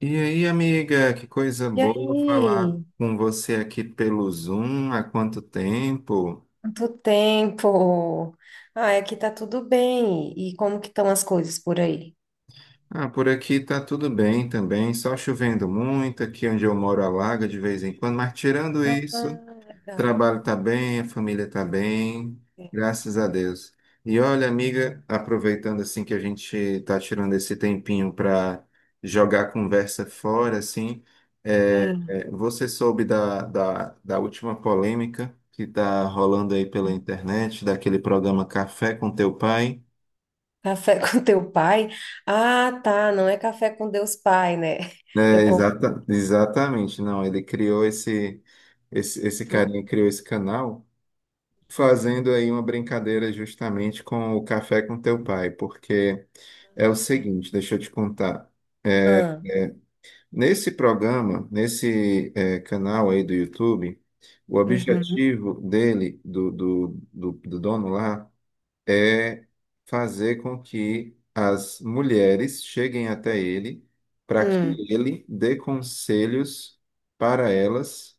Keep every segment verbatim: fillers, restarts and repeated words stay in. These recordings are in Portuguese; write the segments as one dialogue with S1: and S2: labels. S1: E aí, amiga, que coisa
S2: E
S1: boa falar
S2: aí?
S1: com você aqui pelo Zoom. Há quanto tempo?
S2: Quanto tempo? Ah, aqui tá tudo bem. E como que estão as coisas por aí?
S1: Ah, por aqui tá tudo bem também, só chovendo muito. Aqui onde eu moro alaga de vez em quando, mas tirando isso,
S2: Ah,
S1: o
S2: legal.
S1: trabalho está bem, a família está bem, graças a Deus. E olha, amiga, aproveitando assim que a gente está tirando esse tempinho para jogar a conversa fora, assim, é,
S2: Sim.
S1: é, você soube da, da, da última polêmica que está rolando aí pela internet, daquele programa Café com Teu Pai?
S2: Café com teu pai? Ah, tá. Não é café com Deus Pai, né?
S1: É,
S2: Eu confundo.
S1: exata, exatamente, não, ele criou esse, esse, esse carinha criou esse canal, fazendo aí uma brincadeira justamente com o Café com Teu Pai, porque é o
S2: Tá.
S1: seguinte, deixa eu te contar.
S2: Ah,
S1: Nesse programa, nesse eh, canal aí do YouTube, o
S2: uhum,
S1: objetivo dele, do, do, do, do dono lá, é fazer com que as mulheres cheguem até ele para que
S2: hum.
S1: ele dê conselhos para elas,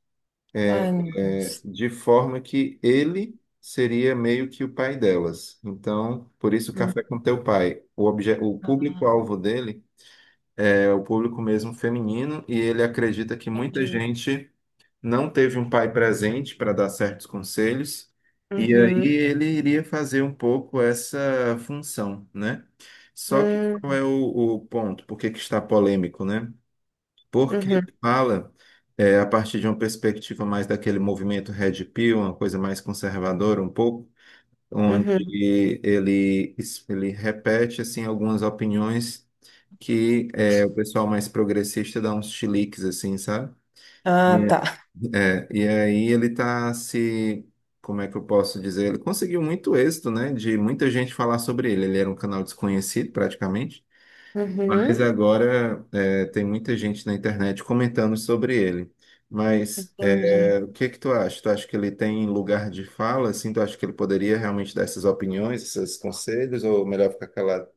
S2: Ai, meu Deus.
S1: de forma que ele seria meio que o pai delas. Então, por isso Café com
S2: Hum.
S1: Teu Pai. O obje- o
S2: Ah,
S1: público-alvo dele é o público mesmo feminino, e ele acredita que muita
S2: entendi.
S1: gente não teve um pai presente para dar certos conselhos. E aí
S2: Uhum,
S1: ele iria fazer um pouco essa função, né? Só que qual
S2: hum,
S1: é o, o ponto? Por que que está polêmico, né? Porque
S2: uhum,
S1: ele fala é, a partir de uma perspectiva mais daquele movimento Red Pill, uma coisa mais conservadora um pouco, onde
S2: uhum.
S1: ele, ele repete assim algumas opiniões que é, o pessoal mais progressista dá uns chiliques assim, sabe?
S2: Ah,
S1: E,
S2: tá.
S1: é, e aí ele tá se, como é que eu posso dizer? Ele conseguiu muito êxito, né? De muita gente falar sobre ele. Ele era um canal desconhecido praticamente. Mas
S2: Uhum,
S1: agora é, tem muita gente na internet comentando sobre ele. Mas
S2: entendi.
S1: é, o que que tu acha? Tu acha que ele tem lugar de fala? Assim, tu acha que ele poderia realmente dar essas opiniões, esses conselhos, ou melhor ficar calado?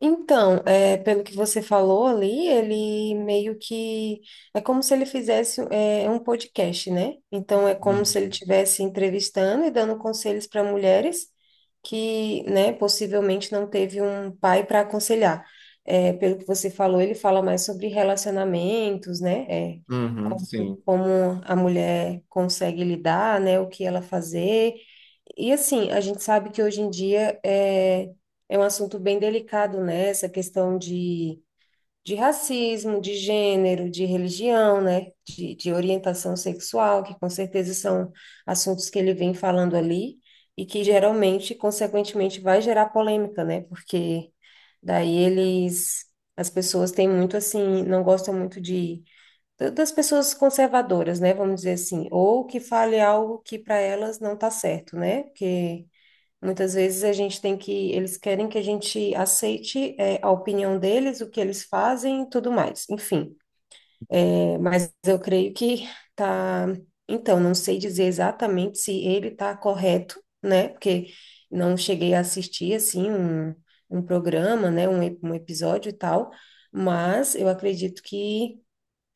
S2: Então, é, pelo que você falou ali, ele meio que é como se ele fizesse é, um podcast, né? Então é como se ele
S1: Uhum.
S2: estivesse entrevistando e dando conselhos para mulheres que, né, possivelmente não teve um pai para aconselhar. É, pelo que você falou, ele fala mais sobre relacionamentos, né? É,
S1: Uhum,
S2: como,
S1: sim,
S2: como a mulher consegue lidar, né? O que ela fazer. E assim, a gente sabe que hoje em dia é é um assunto bem delicado, né? Essa questão de, de racismo, de gênero, de religião, né? De, de orientação sexual, que com certeza são assuntos que ele vem falando ali e que geralmente, consequentemente, vai gerar polêmica, né? Porque daí eles, as pessoas têm muito assim, não gostam muito de da- das pessoas conservadoras, né? Vamos dizer assim, ou que fale algo que para elas não tá certo, né? Porque muitas vezes a gente tem que, eles querem que a gente aceite, é, a opinião deles, o que eles fazem e tudo mais. Enfim, é, mas eu creio que tá. Então, não sei dizer exatamente se ele tá correto, né? Porque não cheguei a assistir, assim, um, um programa, né? Um, ep- um episódio e tal. Mas eu acredito que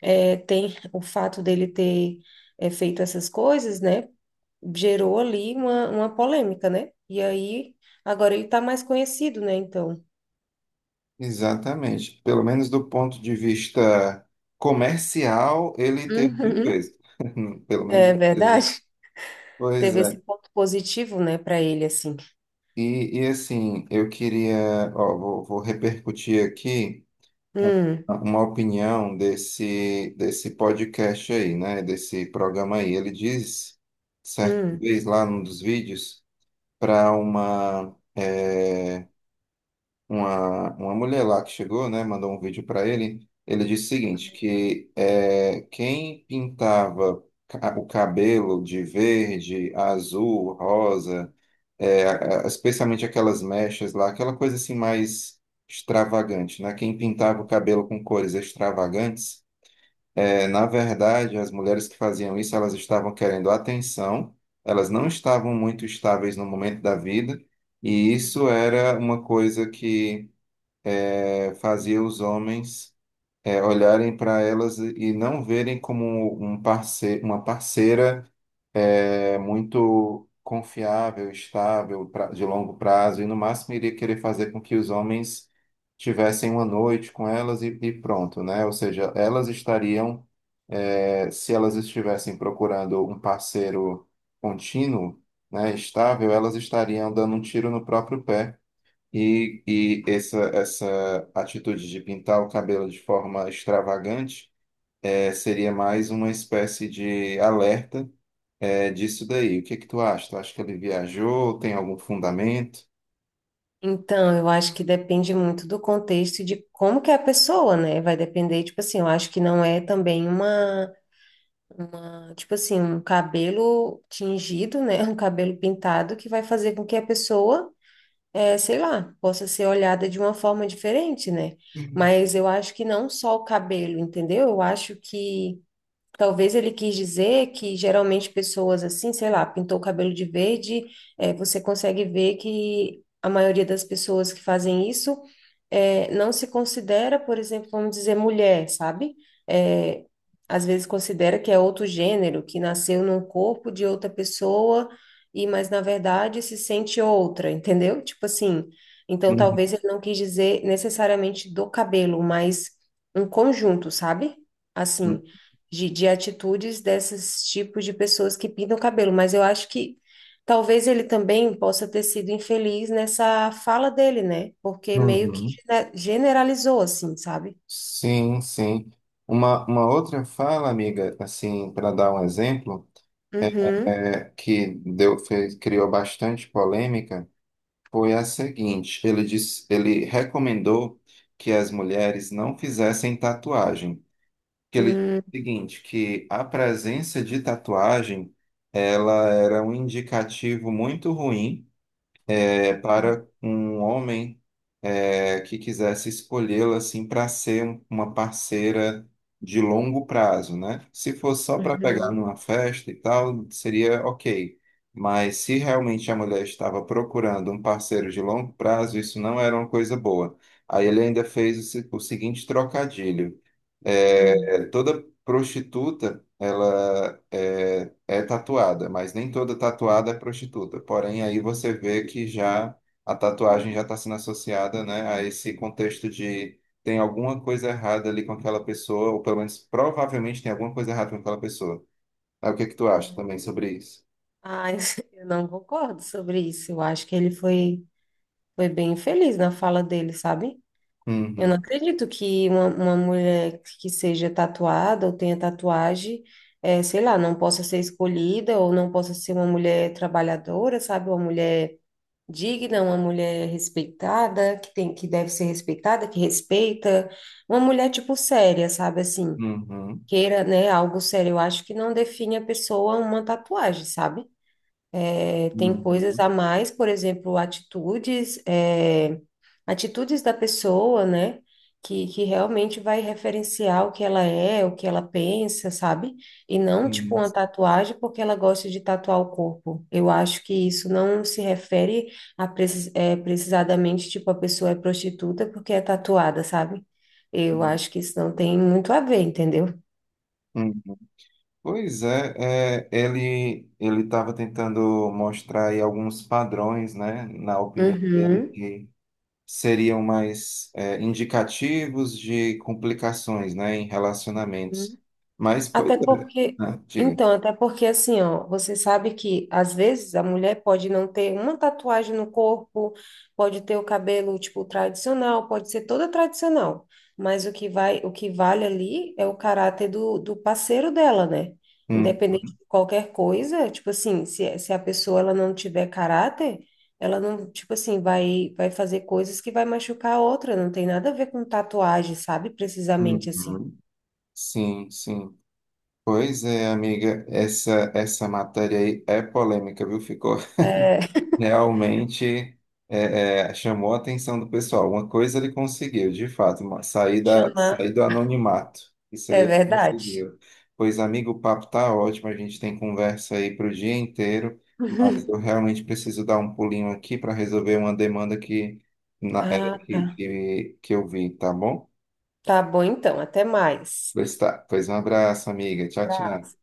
S2: é, tem o fato dele ter é, feito essas coisas, né? Gerou ali uma, uma polêmica, né? E aí, agora ele tá mais conhecido, né? Então,
S1: exatamente. Pelo menos do ponto de vista comercial, ele teve muito
S2: uhum,
S1: êxito. Hum, Pelo menos
S2: é
S1: isso aí.
S2: verdade.
S1: Pois
S2: Teve esse
S1: é.
S2: ponto positivo, né, para ele, assim.
S1: E, e assim, eu queria, ó, vou, vou repercutir aqui um-
S2: Hum,
S1: uma opinião desse, desse podcast aí, né? Desse programa aí. Ele diz, certa
S2: hum.
S1: vez lá num dos vídeos, para uma, é, uma, uma mulher lá que chegou, né? Mandou um vídeo para ele. Ele disse o seguinte, que é, quem pintava ca- o cabelo de verde, azul, rosa, é, a- a- especialmente aquelas mechas lá, aquela coisa assim mais extravagante, né? Quem pintava o cabelo com cores extravagantes, é, na verdade, as mulheres que faziam isso, elas estavam querendo atenção, elas não estavam muito estáveis no momento da vida, e isso era uma coisa que é, fazia os homens é, olharem para elas e não verem como um parceiro, uma parceira é muito confiável, estável, pra- de longo prazo, e no máximo iria querer fazer com que os homens tivessem uma noite com elas e, e pronto, né? Ou seja, elas estariam, é, se elas estivessem procurando um parceiro contínuo, né, estável, elas estariam dando um tiro no próprio pé. E, e essa, essa atitude de pintar o cabelo de forma extravagante é, seria mais uma espécie de alerta é disso daí. O que é que tu acha? Tu acha que ele viajou? Tem algum fundamento?
S2: Então, eu acho que depende muito do contexto e de como que é a pessoa, né? Vai depender, tipo assim, eu acho que não é também uma, uma, tipo assim, um cabelo tingido, né? Um cabelo pintado que vai fazer com que a pessoa é, sei lá, possa ser olhada de uma forma diferente, né? Mas eu acho que não só o cabelo, entendeu? Eu acho que talvez ele quis dizer que geralmente pessoas assim, sei lá, pintou o cabelo de verde, eh, você consegue ver que a maioria das pessoas que fazem isso eh, não se considera, por exemplo, vamos dizer, mulher, sabe? Eh, às vezes considera que é outro gênero, que nasceu num corpo de outra pessoa, e mas na verdade se sente outra, entendeu? Tipo assim, então
S1: Uhum.
S2: talvez ele não quis dizer necessariamente do cabelo, mas um conjunto, sabe? Assim de, de atitudes desses tipos de pessoas que pintam o cabelo, mas eu acho que talvez ele também possa ter sido infeliz nessa fala dele, né? Porque meio que
S1: Uhum.
S2: gene- generalizou, assim, sabe?
S1: Sim, sim. Uma, uma outra fala, amiga, assim, para dar um exemplo,
S2: Uhum,
S1: é, que deu, fez, criou bastante polêmica, foi a seguinte: ele disse, ele recomendou que as mulheres não fizessem tatuagem. Que ele disse
S2: uhum,
S1: o seguinte, que a presença de tatuagem, ela era um indicativo muito ruim é, para um homem é, que quisesse escolhê-la assim para ser um- uma parceira de longo prazo, né? Se fosse só para pegar
S2: uhum,
S1: numa festa e tal, seria ok. Mas se realmente a mulher estava procurando um parceiro de longo prazo, isso não era uma coisa boa. Aí ele ainda fez o se- o seguinte trocadilho.
S2: uhum.
S1: É, é, toda prostituta, ela é, é tatuada, mas nem toda tatuada é prostituta. Porém, aí você vê que já a tatuagem já está sendo associada, né, a esse contexto de tem alguma coisa errada ali com aquela pessoa, ou pelo menos provavelmente tem alguma coisa errada com aquela pessoa. Aí, o que é que tu acha também sobre isso?
S2: Ai, eu não concordo sobre isso. Eu acho que ele foi, foi bem infeliz na fala dele, sabe? Eu não
S1: Uhum,
S2: acredito que uma, uma mulher que seja tatuada ou tenha tatuagem, eh, sei lá, não possa ser escolhida ou não possa ser uma mulher trabalhadora, sabe? Uma mulher digna, uma mulher respeitada, que tem, que deve ser respeitada, que respeita. Uma mulher, tipo, séria, sabe? Assim,
S1: uhum,
S2: queira, né, algo sério. Eu acho que não define a pessoa uma tatuagem, sabe? É, tem coisas a
S1: uhum,
S2: mais, por exemplo, atitudes, é, atitudes da pessoa, né? Que, que realmente vai referenciar o que ela é, o que ela pensa, sabe? E não, tipo,
S1: uhum,
S2: uma tatuagem porque ela gosta de tatuar o corpo. Eu acho que isso não se refere a precis, é, precisadamente, tipo, a pessoa é prostituta porque é tatuada, sabe? Eu acho que isso não tem muito a ver, entendeu?
S1: uhum. Pois é, é, ele ele estava tentando mostrar aí alguns padrões, né, na opinião dele que seriam mais é, indicativos de complicações, né, em
S2: Uhum.
S1: relacionamentos. Mas pois
S2: Até
S1: é,
S2: porque,
S1: né, diga.
S2: então, até porque assim, ó, você sabe que às vezes a mulher pode não ter uma tatuagem no corpo, pode ter o cabelo tipo tradicional, pode ser toda tradicional, mas o que vai, o que vale ali é o caráter do, do parceiro dela, né? Independente
S1: Hum,
S2: de qualquer coisa, tipo assim, se, se a pessoa ela não tiver caráter, ela não, tipo assim, vai, vai fazer coisas que vai machucar a outra, não tem nada a ver com tatuagem, sabe? Precisamente
S1: hum,
S2: assim.
S1: hum. Sim, sim. Pois é, amiga, essa essa matéria aí é polêmica, viu? Ficou
S2: É,
S1: realmente, é, é, chamou a atenção do pessoal. Uma coisa ele conseguiu, de fato, uma- sair da, sair
S2: chamar.
S1: do anonimato. Isso aí
S2: É
S1: ele
S2: verdade.
S1: conseguiu. Pois, amigo, o papo tá ótimo, a gente tem conversa aí para o dia inteiro, mas eu realmente preciso dar um pulinho aqui para resolver uma demanda que, na- é,
S2: Ah,
S1: que,
S2: tá.
S1: que, que eu vi, tá bom?
S2: Tá bom então, até mais.
S1: Pois tá. Pois um abraço, amiga. Tchau, tchau.
S2: Abraço.